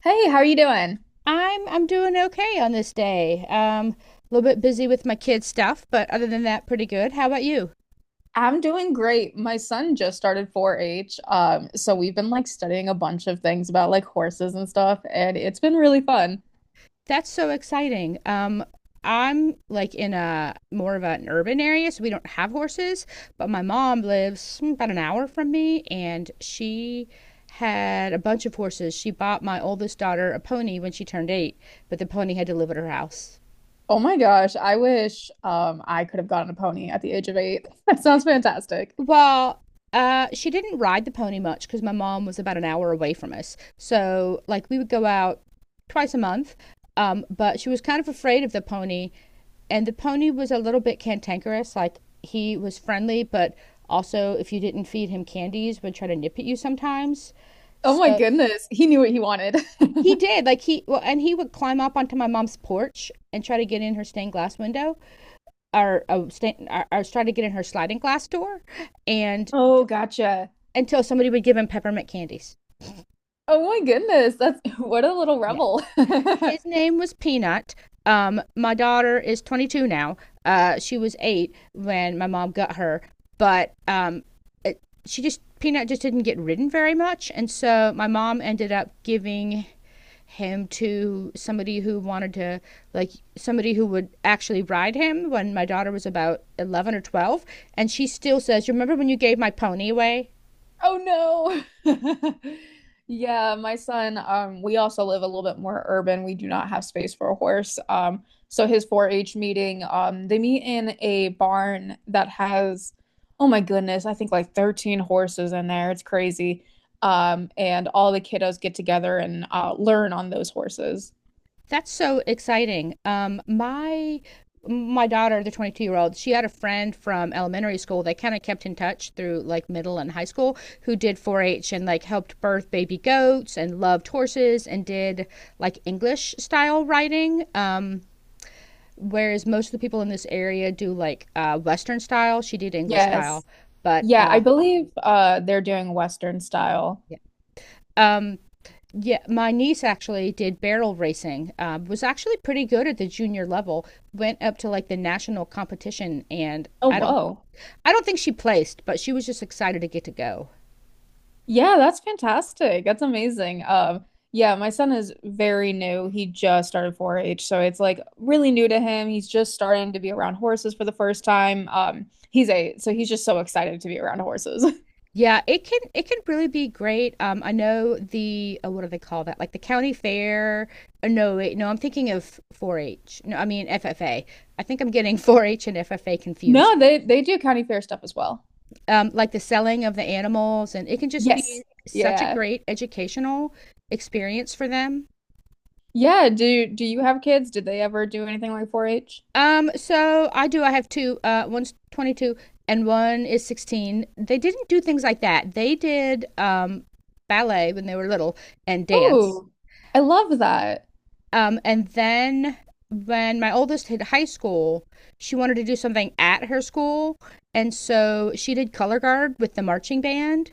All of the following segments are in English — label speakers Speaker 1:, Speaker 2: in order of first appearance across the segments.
Speaker 1: Hey, how are you doing?
Speaker 2: I'm doing okay on this day. A little bit busy with my kids stuff, but other than that, pretty good. How about you?
Speaker 1: I'm doing great. My son just started 4-H. So we've been studying a bunch of things about like horses and stuff, and it's been really fun.
Speaker 2: That's so exciting. I'm like in a more of an urban area, so we don't have horses. But my mom lives about an hour from me, and she had a bunch of horses. She bought my oldest daughter a pony when she turned eight, but the pony had to live at her house.
Speaker 1: Oh my gosh, I wish I could have gotten a pony at the age of 8. That sounds fantastic.
Speaker 2: Well, she didn't ride the pony much because my mom was about an hour away from us. So, like, we would go out twice a month, but she was kind of afraid of the pony, and the pony was a little bit cantankerous. Like, he was friendly, but also, if you didn't feed him candies, would try to nip at you sometimes.
Speaker 1: Oh my
Speaker 2: So
Speaker 1: goodness, he knew what he wanted.
Speaker 2: he did, like and he would climb up onto my mom's porch and try to get in her stained glass window, or try to get in her sliding glass door, and
Speaker 1: Oh, gotcha.
Speaker 2: until somebody would give him peppermint candies.
Speaker 1: Oh my goodness, that's what a little
Speaker 2: Yeah.
Speaker 1: rebel.
Speaker 2: His name was Peanut. My daughter is 22 now. She was eight when my mom got her, but she just Peanut just didn't get ridden very much, and so my mom ended up giving him to somebody who wanted to like somebody who would actually ride him when my daughter was about 11 or 12. And she still says, "You remember when you gave my pony away?"
Speaker 1: Oh no. Yeah, my son, we also live a little bit more urban. We do not have space for a horse. So his 4-H meeting, they meet in a barn that has, oh my goodness, I think like 13 horses in there. It's crazy. And all the kiddos get together and learn on those horses.
Speaker 2: That's so exciting. My daughter, the 22-year-old, she had a friend from elementary school. They kind of kept in touch through like middle and high school, who did 4 H and like helped birth baby goats and loved horses and did like English style writing. Whereas most of the people in this area do like Western style. She did English
Speaker 1: Yes.
Speaker 2: style. But
Speaker 1: Yeah, I believe they're doing Western style.
Speaker 2: yeah. um, Yeah, my niece actually did barrel racing. Was actually pretty good at the junior level. Went up to like the national competition, and
Speaker 1: Oh,
Speaker 2: I don't,
Speaker 1: whoa.
Speaker 2: I don't think she placed, but she was just excited to get to go.
Speaker 1: Yeah, that's fantastic. That's amazing. Yeah, my son is very new. He just started 4-H, so it's like really new to him. He's just starting to be around horses for the first time. He's 8, so he's just so excited to be around horses.
Speaker 2: Yeah, it can really be great. I know the what do they call that? Like the county fair. No, wait, no, I'm thinking of 4-H. No, I mean FFA. I think I'm getting 4-H and FFA confused.
Speaker 1: No, they do county fair stuff as well.
Speaker 2: Like the selling of the animals, and it can just be
Speaker 1: Yes.
Speaker 2: such a
Speaker 1: Yeah.
Speaker 2: great educational experience for them.
Speaker 1: Yeah, do you have kids? Did they ever do anything like 4-H?
Speaker 2: So I do. I have two. One's 22 and one is 16. They didn't do things like that. They did ballet when they were little and dance.
Speaker 1: Oh, I love that.
Speaker 2: And then when my oldest hit high school, she wanted to do something at her school. And so she did color guard with the marching band.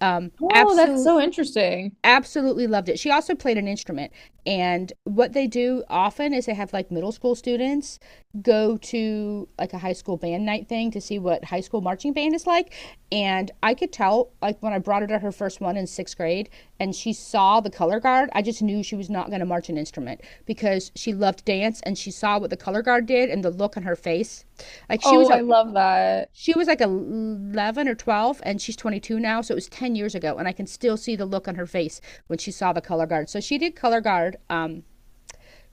Speaker 2: Um,
Speaker 1: Oh, that's
Speaker 2: absolute
Speaker 1: so interesting.
Speaker 2: absolutely loved it. She also played an instrument. And what they do often is they have like middle school students go to like a high school band night thing to see what high school marching band is like. And I could tell, like, when I brought her to her first one in sixth grade and she saw the color guard, I just knew she was not going to march an instrument because she loved dance and she saw what the color guard did and the look on her face. Like,
Speaker 1: Oh, I love that.
Speaker 2: she was like 11 or 12, and she's 22 now. So it was 10 years ago. And I can still see the look on her face when she saw the color guard. So she did color guard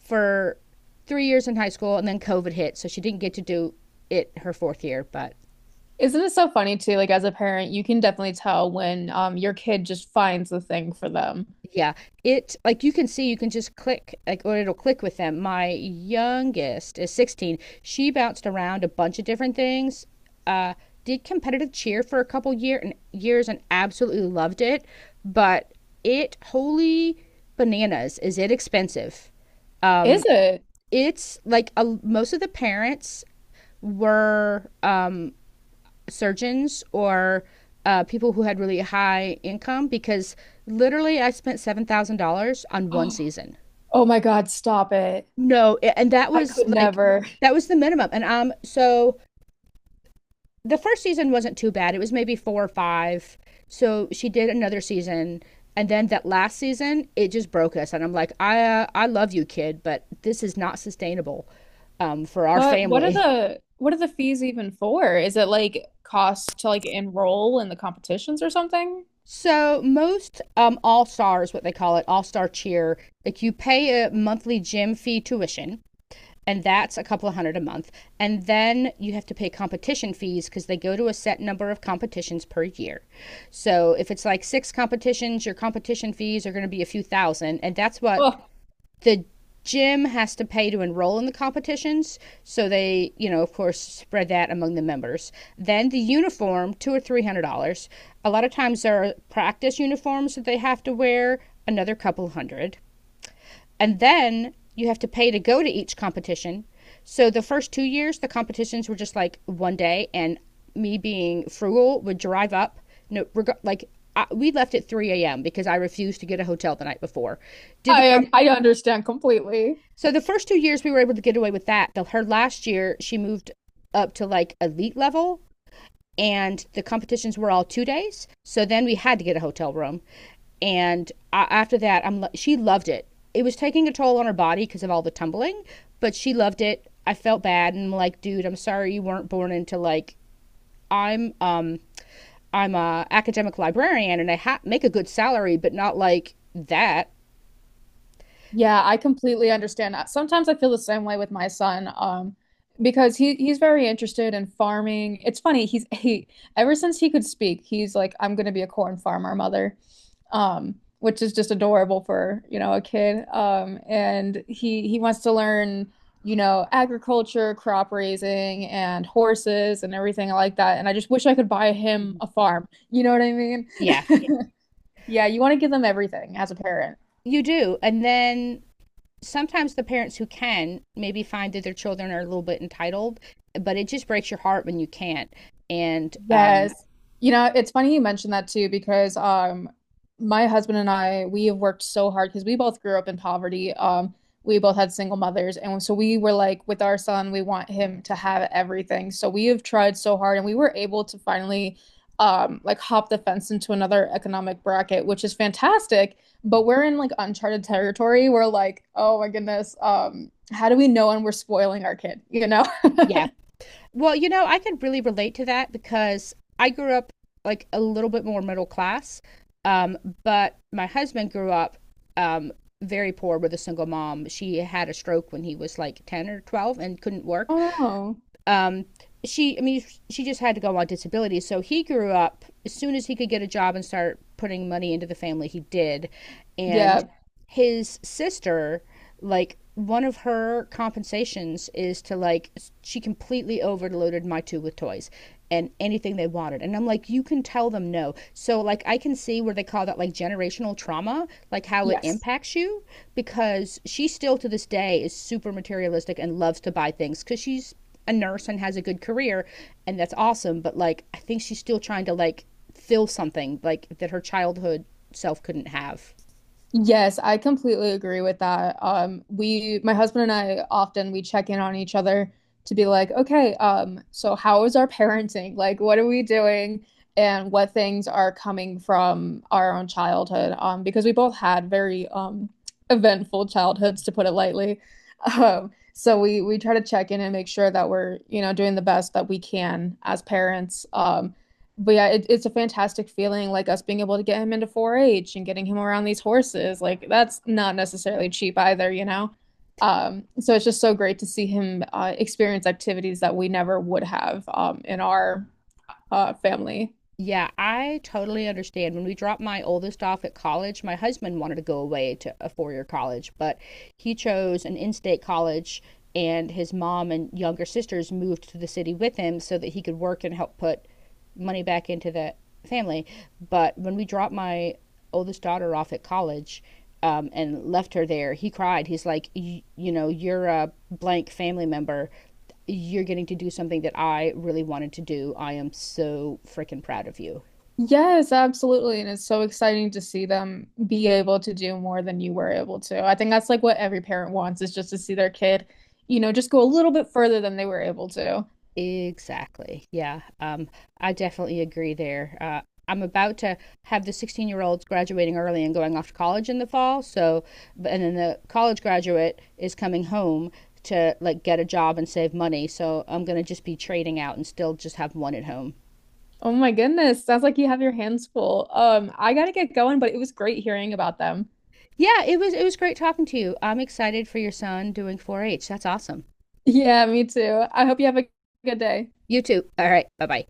Speaker 2: for 3 years in high school, and then COVID hit. So she didn't get to do it her fourth year. But
Speaker 1: Isn't it so funny too? Like as a parent, you can definitely tell when your kid just finds the thing for them.
Speaker 2: yeah, it like you can see, you can just click, like, or it'll click with them. My youngest is 16. She bounced around a bunch of different things. Uh, did competitive cheer for a couple years and absolutely loved it, but it holy bananas is it expensive.
Speaker 1: Is
Speaker 2: Um,
Speaker 1: it?
Speaker 2: it's most of the parents were surgeons or people who had really high income because literally I spent $7,000 on one season.
Speaker 1: Oh my God, stop it.
Speaker 2: No, and that
Speaker 1: I
Speaker 2: was
Speaker 1: could
Speaker 2: like
Speaker 1: never.
Speaker 2: that was the minimum. And so the first season wasn't too bad. It was maybe four or five. So she did another season, and then that last season it just broke us. And I'm like, I love you, kid, but this is not sustainable for our
Speaker 1: What are
Speaker 2: family.
Speaker 1: the what are the fees even for? Is it like cost to like enroll in the competitions or something?
Speaker 2: So most all stars, what they call it, all star cheer, like you pay a monthly gym fee tuition, and that's a couple of hundred a month, and then you have to pay competition fees because they go to a set number of competitions per year. So if it's like six competitions, your competition fees are going to be a few thousand, and that's what
Speaker 1: Oh,
Speaker 2: the gym has to pay to enroll in the competitions, so they of course spread that among the members. Then the uniform, two or three hundred dollars. A lot of times there are practice uniforms that they have to wear, another couple hundred. And then you have to pay to go to each competition. So the first 2 years, the competitions were just like 1 day, and me being frugal would drive up. No reg- Like, we left at 3 a.m because I refused to get a hotel the night before. Did the
Speaker 1: I
Speaker 2: comp.
Speaker 1: I understand completely.
Speaker 2: So the first 2 years we were able to get away with that. Her last year, she moved up to like elite level, and the competitions were all 2 days. So then we had to get a hotel room, and after that, I'm she loved it. It was taking a toll on her body because of all the tumbling, but she loved it. I felt bad and I'm like, dude, I'm sorry you weren't born into like I'm um I'm a academic librarian and make a good salary, but not like that.
Speaker 1: Yeah, I completely understand that. Sometimes I feel the same way with my son, because he's very interested in farming. It's funny, he's he ever since he could speak, he's like, I'm gonna be a corn farmer, mother. Which is just adorable for, you know, a kid. And he wants to learn, you know, agriculture, crop raising, and horses and everything like that. And I just wish I could buy him
Speaker 2: Mm-hmm.
Speaker 1: a farm. You know what I mean?
Speaker 2: Yeah,
Speaker 1: Yeah. Yeah, you want to give them everything as a parent.
Speaker 2: you do. And then sometimes the parents who can maybe find that their children are a little bit entitled, but it just breaks your heart when you can't. And
Speaker 1: Yes. You know, it's funny you mentioned that too because my husband and I we have worked so hard because we both grew up in poverty. We both had single mothers and so we were like with our son we want him to have everything. So we have tried so hard and we were able to finally like hop the fence into another economic bracket, which is fantastic, but we're in like uncharted territory. We're like, "Oh my goodness, how do we know when we're spoiling our kid?" You know?
Speaker 2: yeah, well, I could really relate to that because I grew up like a little bit more middle class, um, but my husband grew up um, very poor with a single mom. She had a stroke when he was like 10 or 12 and couldn't work.
Speaker 1: Oh no.
Speaker 2: Um, I mean, she just had to go on disability. So he grew up as soon as he could get a job and start putting money into the family, he did. And
Speaker 1: Yeah.
Speaker 2: his sister, like, one of her compensations is to like she completely overloaded my two with toys and anything they wanted. And I'm like, "You can tell them no." So, like, I can see where they call that, like, generational trauma, like how it
Speaker 1: Yes.
Speaker 2: impacts you, because she still to this day is super materialistic and loves to buy things because she's a nurse and has a good career, and that's awesome. But, like, I think she's still trying to like fill something like that her childhood self couldn't have.
Speaker 1: Yes, I completely agree with that. We, my husband and I often we check in on each other to be like, okay, so how is our parenting? Like, what are we doing? And what things are coming from our own childhood? Because we both had very eventful childhoods, to put it lightly. So we try to check in and make sure that we're, you know, doing the best that we can as parents. But yeah, it's a fantastic feeling, like us being able to get him into 4-H and getting him around these horses. Like that's not necessarily cheap either, you know? So it's just so great to see him experience activities that we never would have in our family.
Speaker 2: Yeah, I totally understand. When we dropped my oldest off at college, my husband wanted to go away to a 4-year college, but he chose an in state college, and his mom and younger sisters moved to the city with him so that he could work and help put money back into the family. But when we dropped my oldest daughter off at college, and left her there, he cried. He's like, You know, you're a blank family member, you're getting to do something that I really wanted to do. I am so freaking proud of you."
Speaker 1: Yes, absolutely. And it's so exciting to see them be able to do more than you were able to. I think that's like what every parent wants is just to see their kid, you know, just go a little bit further than they were able to.
Speaker 2: Exactly. Yeah. I definitely agree there. I'm about to have the 16-year-olds graduating early and going off to college in the fall. So, and then the college graduate is coming home to like get a job and save money. So I'm gonna just be trading out and still just have one at home.
Speaker 1: Oh my goodness. Sounds like you have your hands full. I gotta get going, but it was great hearing about them.
Speaker 2: Yeah, it was great talking to you. I'm excited for your son doing 4-H. That's awesome.
Speaker 1: Yeah, me too. I hope you have a good day.
Speaker 2: You too. All right. Bye bye.